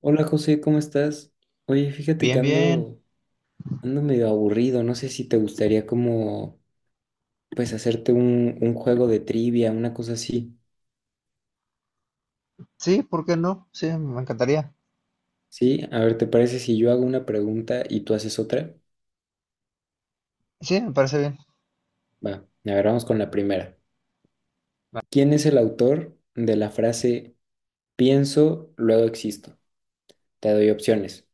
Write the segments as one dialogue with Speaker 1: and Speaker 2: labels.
Speaker 1: Hola José, ¿cómo estás? Oye, fíjate que
Speaker 2: Bien, bien.
Speaker 1: ando medio aburrido, no sé si te gustaría como, pues, hacerte un juego de trivia, una cosa así,
Speaker 2: Sí, ¿por qué no? Sí, me encantaría.
Speaker 1: ¿sí? A ver, ¿te parece si yo hago una pregunta y tú haces otra?
Speaker 2: Sí, me parece bien.
Speaker 1: Va, a ver, vamos con la primera. ¿Quién es el autor de la frase pienso, luego existo? Te doy opciones.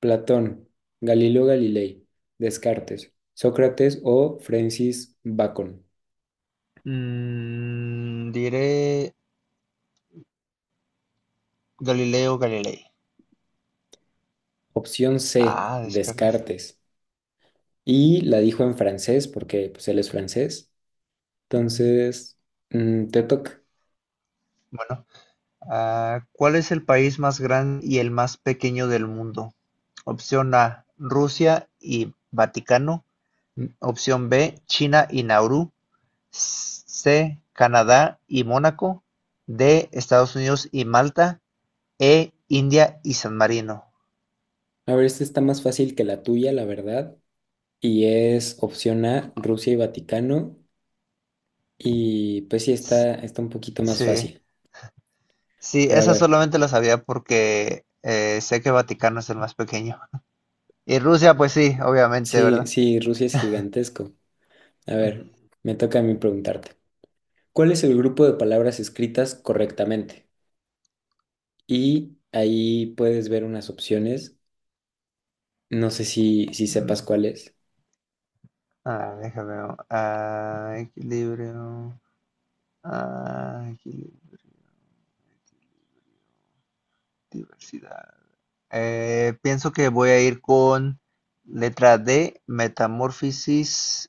Speaker 1: Platón, Galileo Galilei, Descartes, Sócrates o Francis Bacon.
Speaker 2: Diré Galileo Galilei.
Speaker 1: Opción C,
Speaker 2: Ah, Descartes.
Speaker 1: Descartes. Y la dijo en francés porque pues él es francés.
Speaker 2: Mm.
Speaker 1: Entonces, te toca.
Speaker 2: Bueno, ¿cuál es el país más grande y el más pequeño del mundo? Opción A, Rusia y Vaticano. Opción B, China y Nauru. C, Canadá y Mónaco. D, Estados Unidos y Malta. E, India y San Marino.
Speaker 1: A ver, esta está más fácil que la tuya, la verdad. Y es opción A, Rusia y Vaticano. Y pues sí,
Speaker 2: S-
Speaker 1: está un poquito más
Speaker 2: Sí.
Speaker 1: fácil.
Speaker 2: Sí,
Speaker 1: Pero a
Speaker 2: eso
Speaker 1: ver,
Speaker 2: solamente lo sabía porque sé que Vaticano es el más pequeño. Y Rusia, pues sí, obviamente,
Speaker 1: sí,
Speaker 2: ¿verdad?
Speaker 1: sí, Rusia es gigantesco. A ver,
Speaker 2: Ujú.
Speaker 1: me toca a mí preguntarte. ¿Cuál es el grupo de palabras escritas correctamente? Y ahí puedes ver unas opciones. No sé si
Speaker 2: Mm.
Speaker 1: sepas cuál es.
Speaker 2: Ah, déjame ver. Ah, equilibrio. Ah, equilibrio. Diversidad. Pienso que voy a ir con letra D, metamorfosis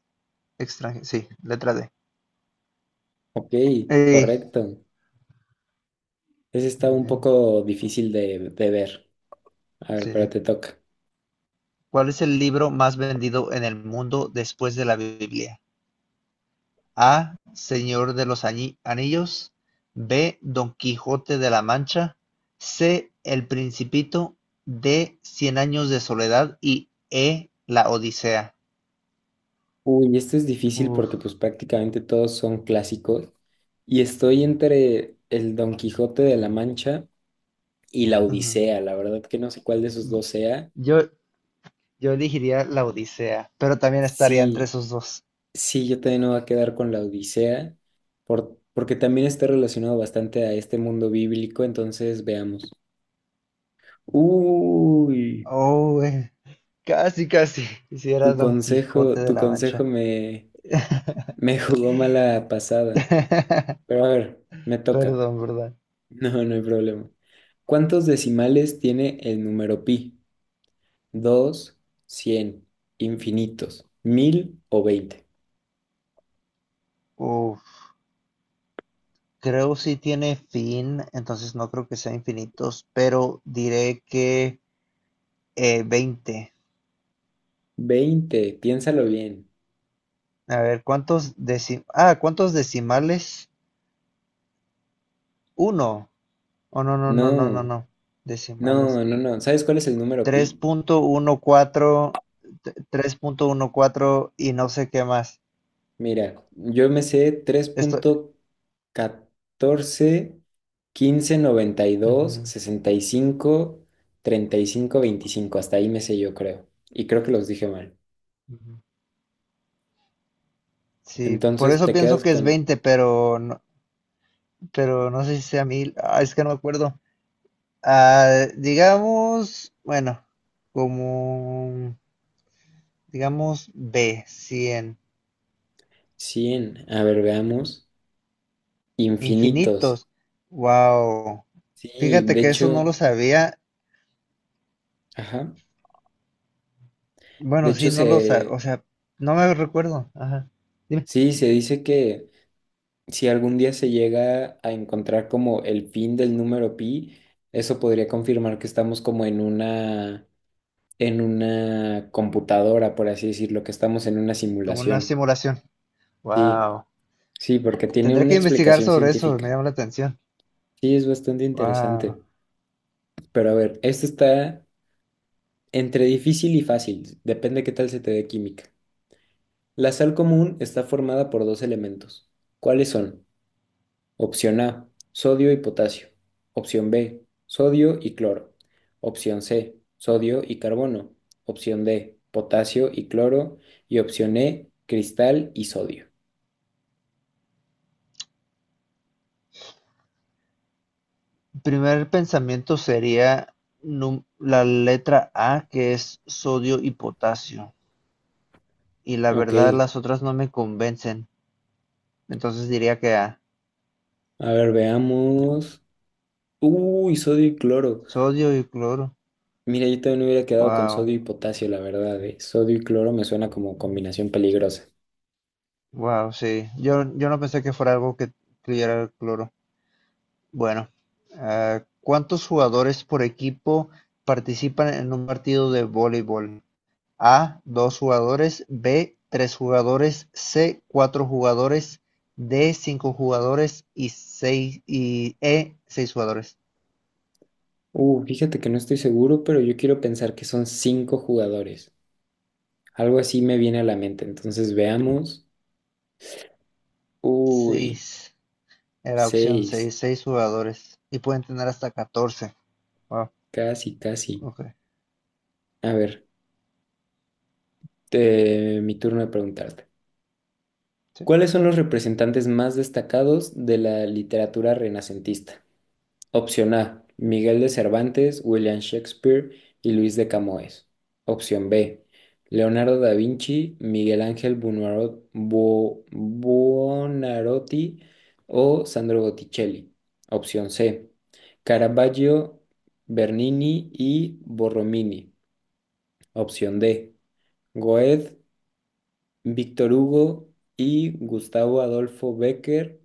Speaker 2: extranjera. Sí, letra D.
Speaker 1: Ok,
Speaker 2: Ey,
Speaker 1: correcto. Ese está
Speaker 2: muy
Speaker 1: un
Speaker 2: bien,
Speaker 1: poco difícil de ver. A ver, pero
Speaker 2: sí.
Speaker 1: te toca.
Speaker 2: ¿Cuál es el libro más vendido en el mundo después de la Biblia? A, Señor de los Anillos; B, Don Quijote de la Mancha; C, El Principito; D, Cien Años de Soledad, y E, La Odisea.
Speaker 1: Uy, esto es difícil
Speaker 2: Uf,
Speaker 1: porque pues prácticamente todos son clásicos y estoy entre el Don Quijote de la Mancha y la
Speaker 2: ujú.
Speaker 1: Odisea. La verdad que no sé cuál de esos dos sea.
Speaker 2: Yo, yo elegiría la Odisea, pero también estaría entre
Speaker 1: Sí,
Speaker 2: esos dos.
Speaker 1: sí, yo también me voy a quedar con la Odisea porque también está relacionado bastante a este mundo bíblico, entonces veamos. Uy,
Speaker 2: Oh, güey. Casi, casi. Hiciera
Speaker 1: tu
Speaker 2: Don Quijote
Speaker 1: consejo,
Speaker 2: de
Speaker 1: tu
Speaker 2: la
Speaker 1: consejo
Speaker 2: Mancha.
Speaker 1: me, me jugó mala pasada. Pero a ver, me toca.
Speaker 2: Perdón, ¿verdad?
Speaker 1: No, no hay problema. ¿Cuántos decimales tiene el número pi? ¿Dos, 100, infinitos, 1000 o 20?
Speaker 2: Uf, creo sí tiene fin, entonces no creo que sea infinitos, pero diré que 20.
Speaker 1: Veinte, piénsalo bien.
Speaker 2: A ver, ¿cuántos decimales? Ah, ¿cuántos decimales? Uno. Oh, no, no, no, no, no,
Speaker 1: No,
Speaker 2: no. Decimales.
Speaker 1: no, no, no. ¿Sabes cuál es el número pi?
Speaker 2: 3.14, 3.14 y no sé qué más.
Speaker 1: Mira, yo me sé tres
Speaker 2: Esto.
Speaker 1: punto catorce quince noventa y dos
Speaker 2: Ujú,
Speaker 1: sesenta y cinco treinta y cinco veinticinco. Hasta ahí me sé yo, creo. Y creo que los dije mal.
Speaker 2: ujú. Sí, por
Speaker 1: Entonces
Speaker 2: eso
Speaker 1: te
Speaker 2: pienso
Speaker 1: quedas
Speaker 2: que es
Speaker 1: con
Speaker 2: 20, pero no sé si sea mil. Ah, es que no me acuerdo. Ah, digamos, bueno, como, digamos, b cien
Speaker 1: 100, a ver, veamos. Infinitos.
Speaker 2: infinitos. Wow.
Speaker 1: Sí,
Speaker 2: Fíjate
Speaker 1: de
Speaker 2: que eso no lo
Speaker 1: hecho,
Speaker 2: sabía.
Speaker 1: ajá. De
Speaker 2: Bueno,
Speaker 1: hecho,
Speaker 2: sí, no lo sabía. O sea, no me recuerdo. Ajá. Dime,
Speaker 1: sí, se dice que si algún día se llega a encontrar como el fin del número pi, eso podría confirmar que estamos como en una computadora, por así decirlo, que estamos en una
Speaker 2: como una
Speaker 1: simulación.
Speaker 2: simulación.
Speaker 1: Sí,
Speaker 2: Wow.
Speaker 1: sí, porque tiene
Speaker 2: Tendré
Speaker 1: una
Speaker 2: que investigar
Speaker 1: explicación
Speaker 2: sobre eso, me
Speaker 1: científica.
Speaker 2: llama la atención.
Speaker 1: Sí, es bastante
Speaker 2: Wow.
Speaker 1: interesante. Pero a ver, esto está entre difícil y fácil. Depende qué tal se te dé química. La sal común está formada por 2 elementos. ¿Cuáles son? Opción A, sodio y potasio. Opción B, sodio y cloro. Opción C, sodio y carbono. Opción D, potasio y cloro. Y opción E, cristal y sodio.
Speaker 2: Primer pensamiento sería la letra A, que es sodio y potasio. Y la
Speaker 1: Ok,
Speaker 2: verdad, las otras no me convencen. Entonces diría que A.
Speaker 1: a ver, veamos. Uy, sodio y cloro.
Speaker 2: Sodio y cloro.
Speaker 1: Mira, yo también hubiera quedado con sodio y
Speaker 2: Wow.
Speaker 1: potasio, la verdad, eh. Sodio y cloro me suena como combinación peligrosa.
Speaker 2: Wow, sí. Yo no pensé que fuera algo que incluyera el cloro. Bueno, ¿cuántos jugadores por equipo participan en un partido de voleibol? A, dos jugadores; B, tres jugadores; C, cuatro jugadores; D, cinco jugadores y seis, y E, seis jugadores.
Speaker 1: Fíjate que no estoy seguro, pero yo quiero pensar que son 5 jugadores. Algo así me viene a la mente. Entonces veamos. Uy,
Speaker 2: Seis. Era opción
Speaker 1: seis.
Speaker 2: seis, seis jugadores. Y pueden tener hasta 14. Wow,
Speaker 1: Casi, casi.
Speaker 2: ok.
Speaker 1: A ver, mi turno de preguntarte.
Speaker 2: Sí.
Speaker 1: ¿Cuáles son los representantes más destacados de la literatura renacentista? Opción A, Miguel de Cervantes, William Shakespeare y Luis de Camoes. Opción B, Leonardo da Vinci, Miguel Ángel Buonarroti o Sandro Botticelli. Opción C, Caravaggio, Bernini y Borromini. Opción D, Goethe, Víctor Hugo y Gustavo Adolfo Becker.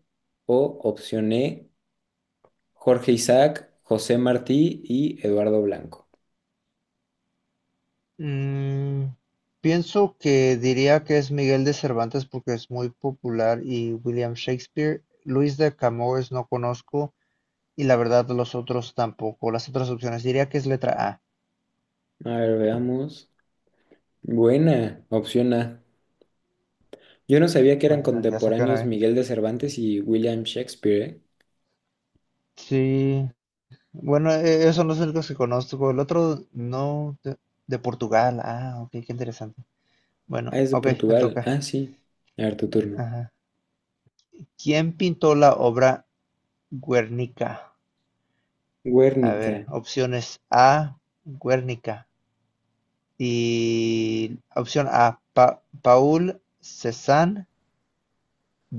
Speaker 1: O opción E, Jorge Isaac, José Martí y Eduardo Blanco.
Speaker 2: Mm, pienso que diría que es Miguel de Cervantes porque es muy popular y William Shakespeare. Luis de Camões no conozco y la verdad los otros tampoco. Las otras opciones diría que es letra A.
Speaker 1: A ver, veamos. Buena, opción A. Yo no sabía que eran
Speaker 2: Bueno, ya saqué una
Speaker 1: contemporáneos
Speaker 2: vez.
Speaker 1: Miguel de Cervantes y William Shakespeare, ¿eh?
Speaker 2: Sí. Bueno, esos son los únicos que conozco. El otro no, de Portugal. Ah, ok, qué interesante.
Speaker 1: Ah,
Speaker 2: Bueno,
Speaker 1: es de
Speaker 2: ok, me
Speaker 1: Portugal.
Speaker 2: toca.
Speaker 1: Ah, sí. A ver, tu turno.
Speaker 2: Ajá. ¿Quién pintó la obra Guernica? A ver,
Speaker 1: Guernica.
Speaker 2: opciones A, Guernica. Y opción A, Paul Cézanne;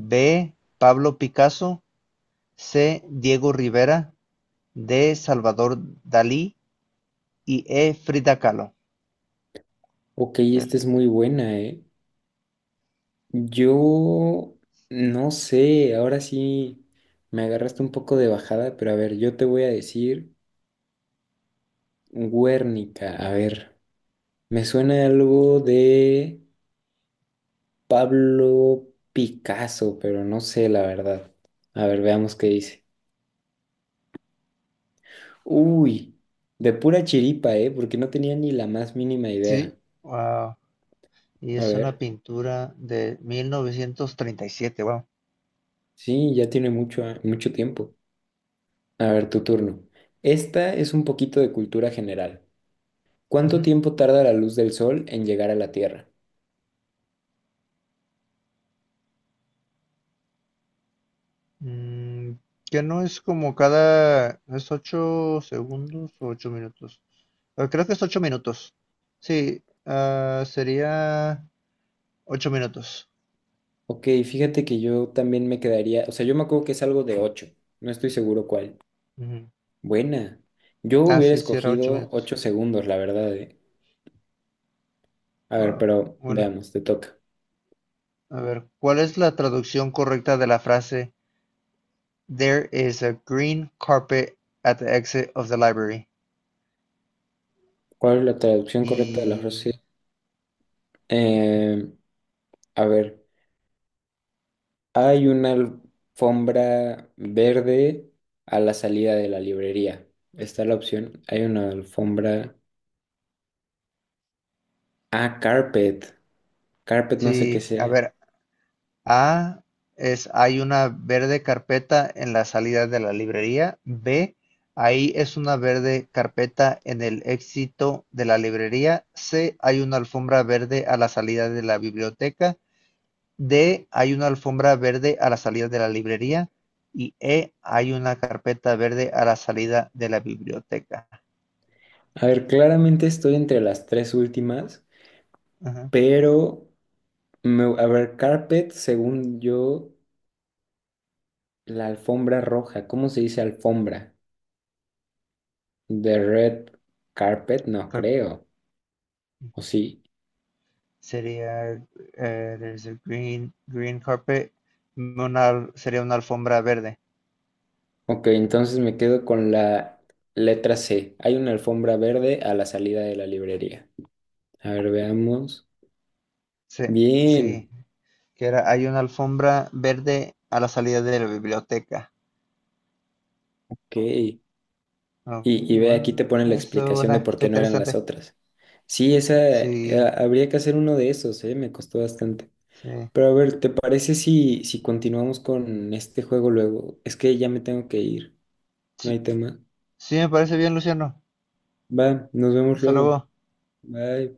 Speaker 2: B, Pablo Picasso; C, Diego Rivera; D, Salvador Dalí, y E, Frida Kahlo.
Speaker 1: Ok, esta es muy
Speaker 2: Guernica.
Speaker 1: buena, ¿eh? Yo no sé, ahora sí me agarraste un poco de bajada, pero a ver, yo te voy a decir Guernica. A ver, me suena algo de... Pablo Picasso, pero no sé la verdad. A ver, veamos qué dice. Uy, de pura chiripa, ¿eh? Porque no tenía ni la más mínima idea.
Speaker 2: Sí, wow. Y
Speaker 1: A
Speaker 2: es una
Speaker 1: ver,
Speaker 2: pintura de 1937, wow.
Speaker 1: sí, ya tiene mucho, mucho tiempo. A ver, tu turno. Esta es un poquito de cultura general. ¿Cuánto
Speaker 2: Ujú.
Speaker 1: tiempo tarda la luz del sol en llegar a la Tierra?
Speaker 2: Mm, que no es como... cada... ¿Es 8 segundos o 8 minutos? Creo que es 8 minutos. Sí, ah, sería 8 minutos.
Speaker 1: Ok, fíjate que yo también me quedaría, o sea, yo me acuerdo que es algo de 8. No estoy seguro cuál.
Speaker 2: Ujú.
Speaker 1: Buena. Yo
Speaker 2: Ah,
Speaker 1: hubiera
Speaker 2: sí, sí, era ocho
Speaker 1: escogido
Speaker 2: minutos.
Speaker 1: 8 segundos, la verdad, ¿eh? A ver,
Speaker 2: Ah,
Speaker 1: pero
Speaker 2: bueno,
Speaker 1: veamos, te toca.
Speaker 2: a ver, ¿cuál es la traducción correcta de la frase There is a green carpet at the exit of the library?
Speaker 1: ¿Cuál es la traducción correcta de la
Speaker 2: Y
Speaker 1: frase? Eh, a ver, hay una alfombra verde a la salida de la librería. Está la opción. Hay una alfombra. Ah, carpet. Carpet no sé qué
Speaker 2: sí, a
Speaker 1: sea.
Speaker 2: ver, A es hay una verde carpeta en la salida de la librería. B, ahí es una verde carpeta en el éxito de la librería. C, hay una alfombra verde a la salida de la biblioteca. D, hay una alfombra verde a la salida de la librería, y E, hay una carpeta verde a la salida de la biblioteca.
Speaker 1: A ver, claramente estoy entre las tres últimas,
Speaker 2: Ajá.
Speaker 1: pero a ver, carpet, según yo, la alfombra roja. ¿Cómo se dice alfombra? The red carpet, no
Speaker 2: Carpet.
Speaker 1: creo. ¿O sí?
Speaker 2: Sería there's a green carpet, sería una alfombra verde.
Speaker 1: Ok, entonces me quedo con la letra C. Hay una alfombra verde a la salida de la librería. A ver, veamos.
Speaker 2: Sí, sí,
Speaker 1: Bien,
Speaker 2: que era hay una alfombra verde a la salida de la biblioteca.
Speaker 1: ok.
Speaker 2: Ok,
Speaker 1: Y ve, aquí te
Speaker 2: bueno,
Speaker 1: ponen la
Speaker 2: eso
Speaker 1: explicación
Speaker 2: bueno,
Speaker 1: de por
Speaker 2: está
Speaker 1: qué no eran las
Speaker 2: interesante.
Speaker 1: otras. Sí, esa,
Speaker 2: Sí,
Speaker 1: habría que hacer uno de esos, ¿eh? Me costó bastante.
Speaker 2: sí.
Speaker 1: Pero a ver, ¿te parece si continuamos con este juego luego? Es que ya me tengo que ir, no
Speaker 2: Sí,
Speaker 1: hay tema.
Speaker 2: sí me parece bien, Luciano.
Speaker 1: Va, nos vemos
Speaker 2: Hasta
Speaker 1: luego.
Speaker 2: luego.
Speaker 1: Bye.